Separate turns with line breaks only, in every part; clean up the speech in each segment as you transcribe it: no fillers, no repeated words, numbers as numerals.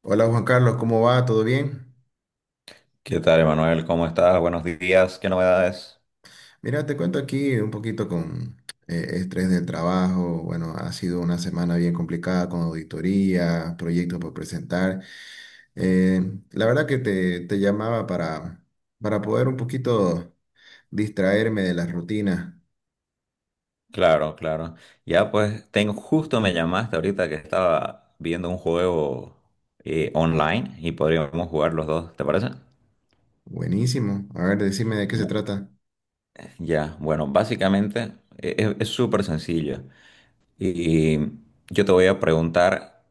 Hola Juan Carlos, ¿cómo va? ¿Todo bien?
¿Qué tal, Emanuel? ¿Cómo estás? Buenos días. ¿Qué novedades?
Mira, te cuento aquí un poquito con estrés del trabajo. Bueno, ha sido una semana bien complicada con auditoría, proyectos por presentar. Eh, la verdad que te llamaba para poder un poquito distraerme de la rutina.
Claro, claro. Ya pues, tengo, justo me llamaste ahorita que estaba viendo un juego online y podríamos jugar los dos, ¿te parece?
Buenísimo. A ver, decime de qué se
Bu-
trata.
ya, bueno, básicamente es súper sencillo. Y yo te voy a preguntar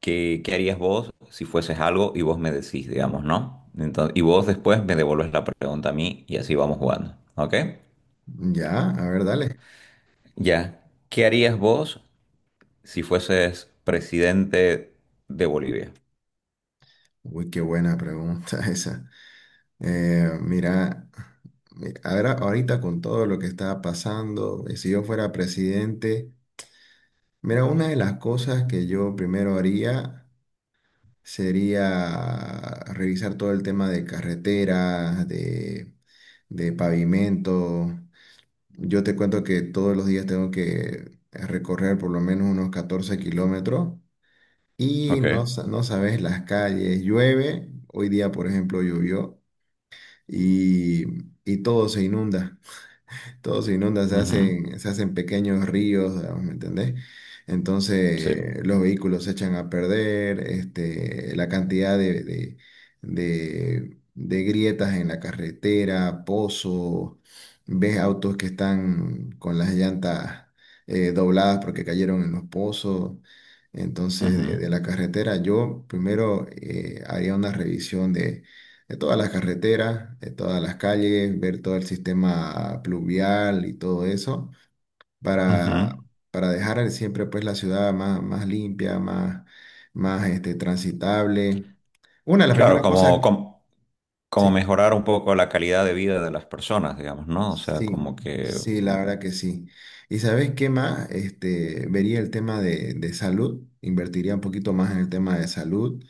qué harías vos si fueses algo y vos me decís, digamos, ¿no? Entonces, y vos después me devolves la pregunta a mí y así vamos jugando, ¿ok?
Ya, a ver, dale.
Ya, ¿qué harías vos si fueses presidente de Bolivia?
Uy, qué buena pregunta esa. Eh, mira, mira, ahora, ahorita con todo lo que está pasando, si yo fuera presidente, mira, una de las cosas que yo primero haría sería revisar todo el tema de carreteras, de pavimento. Yo te cuento que todos los días tengo que recorrer por lo menos unos 14 kilómetros y
Ok.
no, no sabes las calles, llueve, hoy día por ejemplo llovió y, y todo se inunda. Todo se inunda,
Ujú.
se hacen pequeños ríos, digamos, ¿me entendés?
Sí.
Entonces los vehículos se echan a perder, este, la cantidad de grietas en la carretera, pozos, ves autos que están con las llantas dobladas porque cayeron en los pozos. Entonces,
Ujú.
de la carretera, yo primero haría una revisión de todas las carreteras, de todas las calles, ver todo el sistema pluvial y todo eso, para,
Ujú.
para dejar siempre pues la ciudad más, más limpia, más, más este, transitable. Una de las
Claro,
primeras cosas, sí,
mejorar un poco la calidad de vida de las personas, digamos, ¿no? O sea, como
sí,
que...
sí, la verdad que sí. ¿Y sabes qué más? Este, vería el tema de salud, invertiría un poquito más en el tema de salud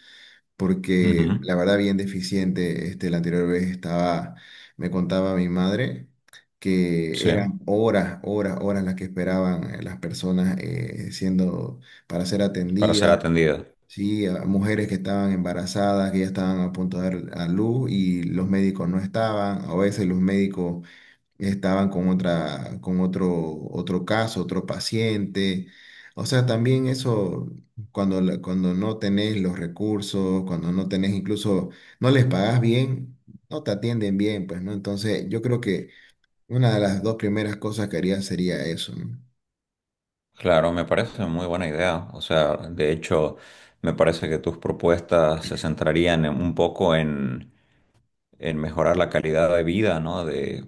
porque
Ujú.
la verdad bien deficiente, este, la anterior vez estaba, me contaba mi madre que
Sí,
eran horas, horas, horas las que esperaban las personas para ser
para ser
atendidas,
atendida.
sí, a mujeres que estaban embarazadas, que ya estaban a punto de dar a luz y los médicos no estaban, a veces los médicos estaban con otro, otro caso, otro paciente. O sea, también eso, cuando no tenés los recursos, cuando no tenés incluso, no les pagás bien, no te atienden bien, pues, ¿no? Entonces, yo creo que una de las dos primeras cosas que haría sería eso, ¿no?
Claro, me parece muy buena idea. O sea, de hecho, me parece que tus propuestas se centrarían un poco en mejorar la calidad de vida, ¿no? De,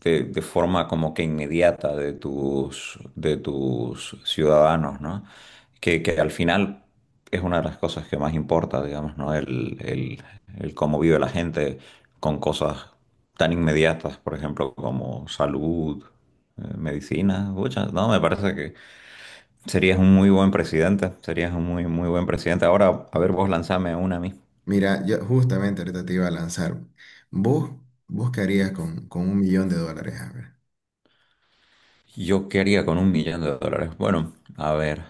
de forma como que inmediata de tus ciudadanos, ¿no? Que al final es una de las cosas que más importa, digamos, ¿no? El, el cómo vive la gente con cosas tan inmediatas, por ejemplo, como salud, medicina, pucha, no, me parece que serías un muy buen presidente, serías un muy, muy buen presidente. Ahora, a ver, vos lanzame una a mí.
Mira, yo justamente ahorita te iba a lanzar. ¿Vos, vos qué harías con 1 millón de dólares? A ver.
¿Yo qué haría con un millón de dólares? Bueno, a ver,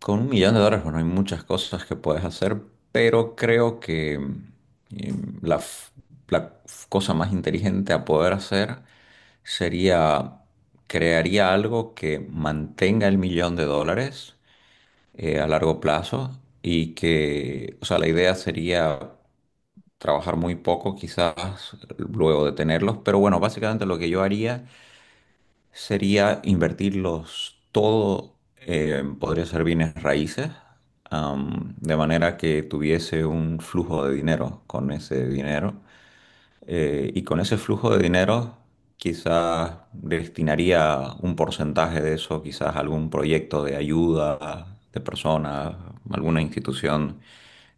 con un millón de dólares, bueno, hay muchas cosas que puedes hacer, pero creo que la cosa más inteligente a poder hacer sería, crearía algo que mantenga el millón de dólares a largo plazo y que, o sea, la idea sería trabajar muy poco quizás luego de tenerlos, pero bueno, básicamente lo que yo haría sería invertirlos todo, podría ser bienes raíces, de manera que tuviese un flujo de dinero con ese dinero. Y con ese flujo de dinero quizás destinaría un porcentaje de eso, quizás a algún proyecto de ayuda de personas, alguna institución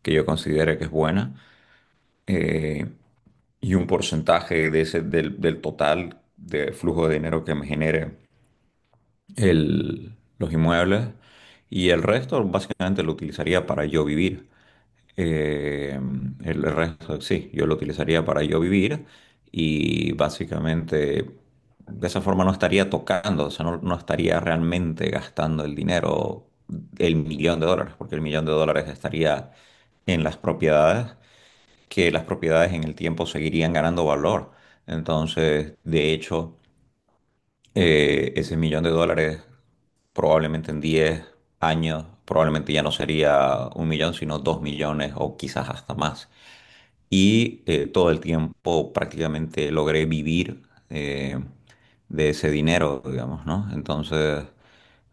que yo considere que es buena. eh, y un porcentaje de ese, del, del total de flujo de dinero que me genere los inmuebles y el resto básicamente lo utilizaría para yo vivir. Eh, el resto sí, yo lo utilizaría para yo vivir y básicamente de esa forma no estaría tocando, o sea, no estaría realmente gastando el dinero, el millón de dólares, porque el millón de dólares estaría en las propiedades, que las propiedades en el tiempo seguirían ganando valor. Entonces, de hecho ese millón de dólares probablemente en 10 años, probablemente ya no sería un millón, sino 2 millones o quizás hasta más y todo el tiempo prácticamente logré vivir eh, de ese dinero, digamos, ¿no? Entonces,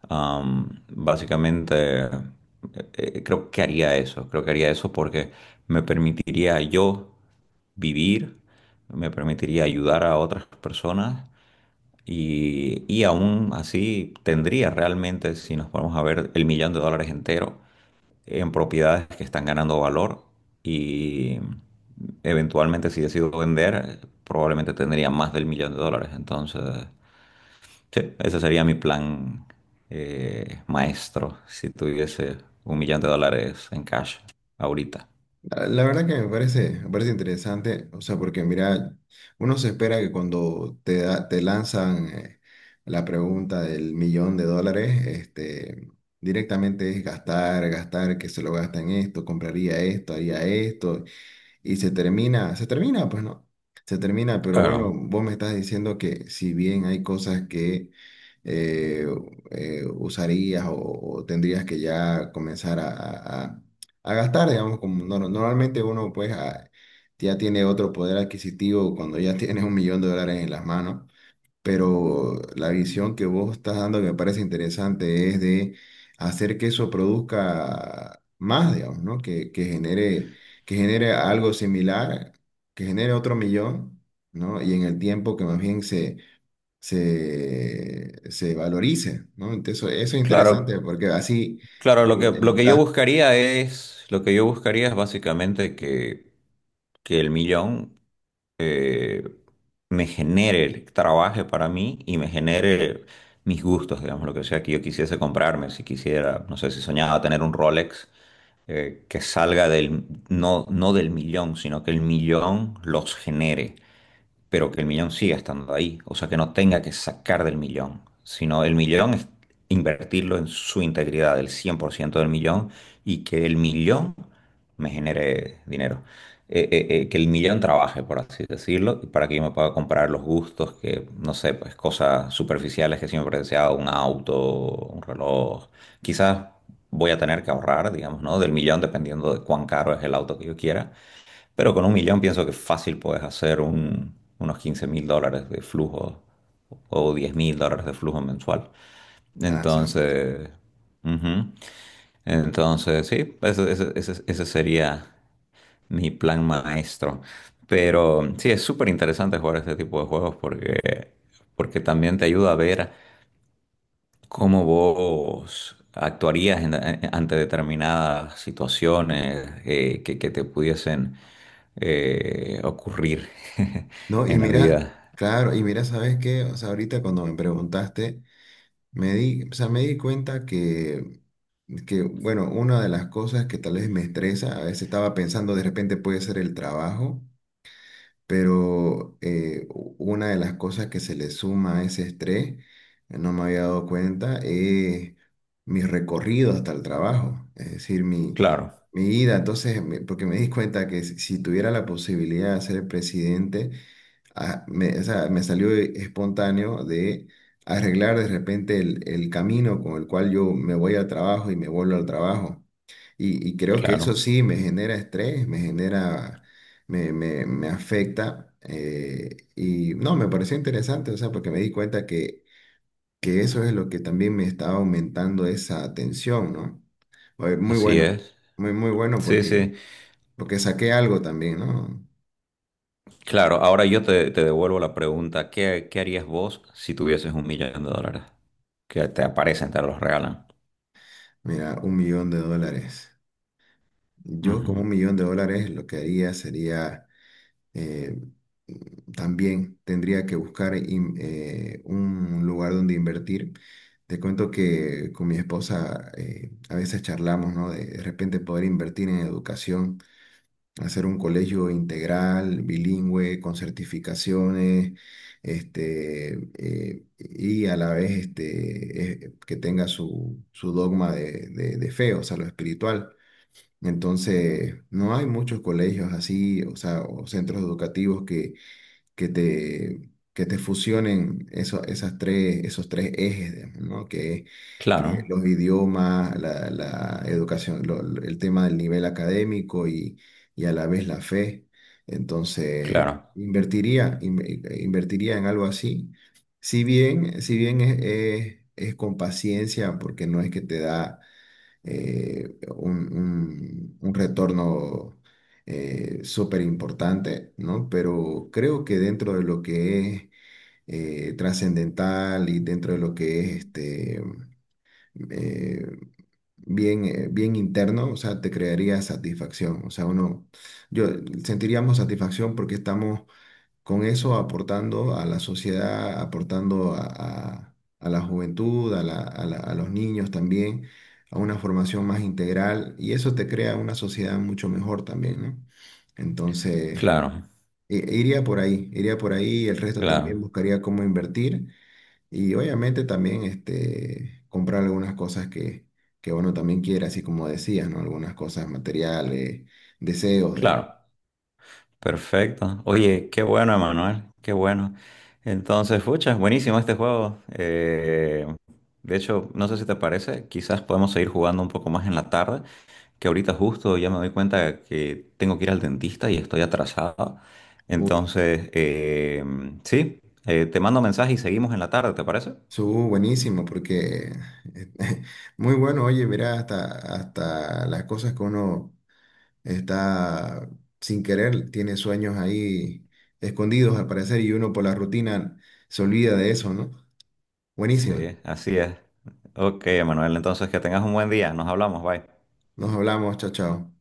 básicamente, creo que haría eso, creo que haría eso porque me permitiría yo vivir, me permitiría ayudar a otras personas. Y aún así tendría realmente, si nos ponemos a ver, el millón de dólares entero en propiedades que están ganando valor y eventualmente si decido vender, probablemente tendría más del millón de dólares. Entonces, sí, ese sería mi plan maestro si tuviese un millón de dólares en cash ahorita.
La verdad que me parece interesante, o sea, porque mira, uno se espera que cuando te lanzan la pregunta del millón de dólares, este, directamente es gastar, gastar, que se lo gasta en esto, compraría esto, haría esto, y se termina, pues no, se termina, pero bueno,
Claro,
vos me estás diciendo que si bien hay cosas que eh, usarías o tendrías que ya comenzar a gastar, digamos, como no- normalmente uno pues ya tiene otro poder adquisitivo cuando ya tienes 1 millón de dólares en las manos pero la visión que vos estás dando que me parece interesante es de hacer que eso produzca más, digamos, ¿no? Que genere algo similar, que genere otro millón, ¿no? Y en el tiempo que más bien se valorice, ¿no? Entonces, eso es interesante
claro,
porque así
claro, lo que yo
evitas
buscaría es, lo que yo buscaría es básicamente que el millón eh, me genere, trabaje para mí y me genere mis gustos, digamos, lo que sea que yo quisiese comprarme, si quisiera, no sé, si soñaba tener un Rolex, que salga del, no, no del millón, sino que el millón los genere pero que el millón siga estando ahí, o sea, que no tenga que sacar del millón, sino el millón es invertirlo en su integridad, el 100% del millón, y que el millón me genere dinero. Que el millón trabaje, por así decirlo, para que yo me pueda comprar los gustos, que no sé, pues cosas superficiales que siempre he deseado, un auto, un reloj. Quizás voy a tener que ahorrar, digamos, ¿no? Del millón, dependiendo de cuán caro es el auto que yo quiera pero con un millón pienso que fácil puedes hacer unos $15.000 de flujo o $10.000 de flujo mensual.
lanzar,
Entonces, ujú. Entonces, sí, ese sería mi plan maestro. Pero sí, es súper interesante jugar este tipo de juegos porque, porque también te ayuda a ver ¿cómo vos actuarías ante determinadas situaciones que te pudiesen ocurrir
¿no? Y
en la
mira,
vida?
claro, y mira, ¿sabes qué? O sea, ahorita cuando me preguntaste. Me di, o sea, me di cuenta bueno, una de las cosas que tal vez me estresa, a veces estaba pensando de repente puede ser el trabajo, pero una de las cosas que se le suma a ese estrés, no me había dado cuenta, es mi recorrido hasta el trabajo, es decir, mi,
Claro,
mi ida. Entonces, porque me di cuenta que si tuviera la posibilidad de ser presidente, o sea, me salió espontáneo de arreglar de repente el camino con el cual yo me voy al trabajo y me vuelvo al trabajo. Y creo que eso
claro,
sí me genera estrés, me afecta. Y no, me pareció interesante, o sea, porque me di cuenta que eso es lo que también me estaba aumentando esa tensión, ¿no? Oye, muy
así
bueno,
es.
muy, muy bueno
Sí, sí,
porque saqué algo también, ¿no?
claro. Ahora yo te devuelvo la pregunta, ¿qué, qué harías vos si tuvieses un millón de dólares? Que te aparecen, te los regalan.
Mira, 1 millón de dólares. Yo con
Ujú.
1 millón de dólares lo que haría sería, eh, también tendría que buscar un lugar donde invertir. Te cuento que con mi esposa a veces charlamos, ¿no? De repente poder invertir en educación, hacer un colegio integral, bilingüe, con certificaciones, este, y a la vez este, que tenga su dogma de fe, o sea, lo espiritual. Entonces, no hay muchos colegios así, o sea, o centros educativos que te fusionen esos tres ejes, digamos, ¿no? Que
Claro,
los idiomas, la educación, el tema del nivel académico y a la vez la fe. Entonces,
claro,
invertiría, in- invertiría en algo así. Si bien es con paciencia, porque no es que te da un retorno súper importante, ¿no? Pero creo que dentro de lo que es trascendental y dentro de lo que es este, eh, bien, bien interno, o sea, te crearía satisfacción, o sea, uno, yo sentiríamos satisfacción porque estamos con eso aportando a la sociedad, aportando a la juventud, a los niños también, a una formación más integral y eso te crea una sociedad mucho mejor también, ¿no? Entonces,
claro,
iría por ahí, el resto también
claro,
buscaría cómo invertir y obviamente también este, comprar algunas cosas que uno también quiere, así como decías, ¿no? Algunas cosas materiales, deseos, digamos.
claro. Perfecto. Oye, qué bueno, Emanuel, qué bueno. Entonces, fucha, buenísimo este juego. De hecho, no sé si te parece, quizás podemos seguir jugando un poco más en la tarde, que ahorita justo ya me doy cuenta que tengo que ir al dentista y estoy atrasado.
Uy,
Entonces, sí, te mando mensaje y seguimos en la tarde, ¿te parece?
Buenísimo, porque eh, muy bueno, oye, mira, hasta las cosas que uno está sin querer, tiene sueños ahí escondidos al parecer y uno por la rutina se olvida de eso, ¿no? Buenísimo.
Sí, así es. Ok, Emanuel, entonces que tengas un buen día. Nos hablamos, bye.
Nos hablamos, chao, chao.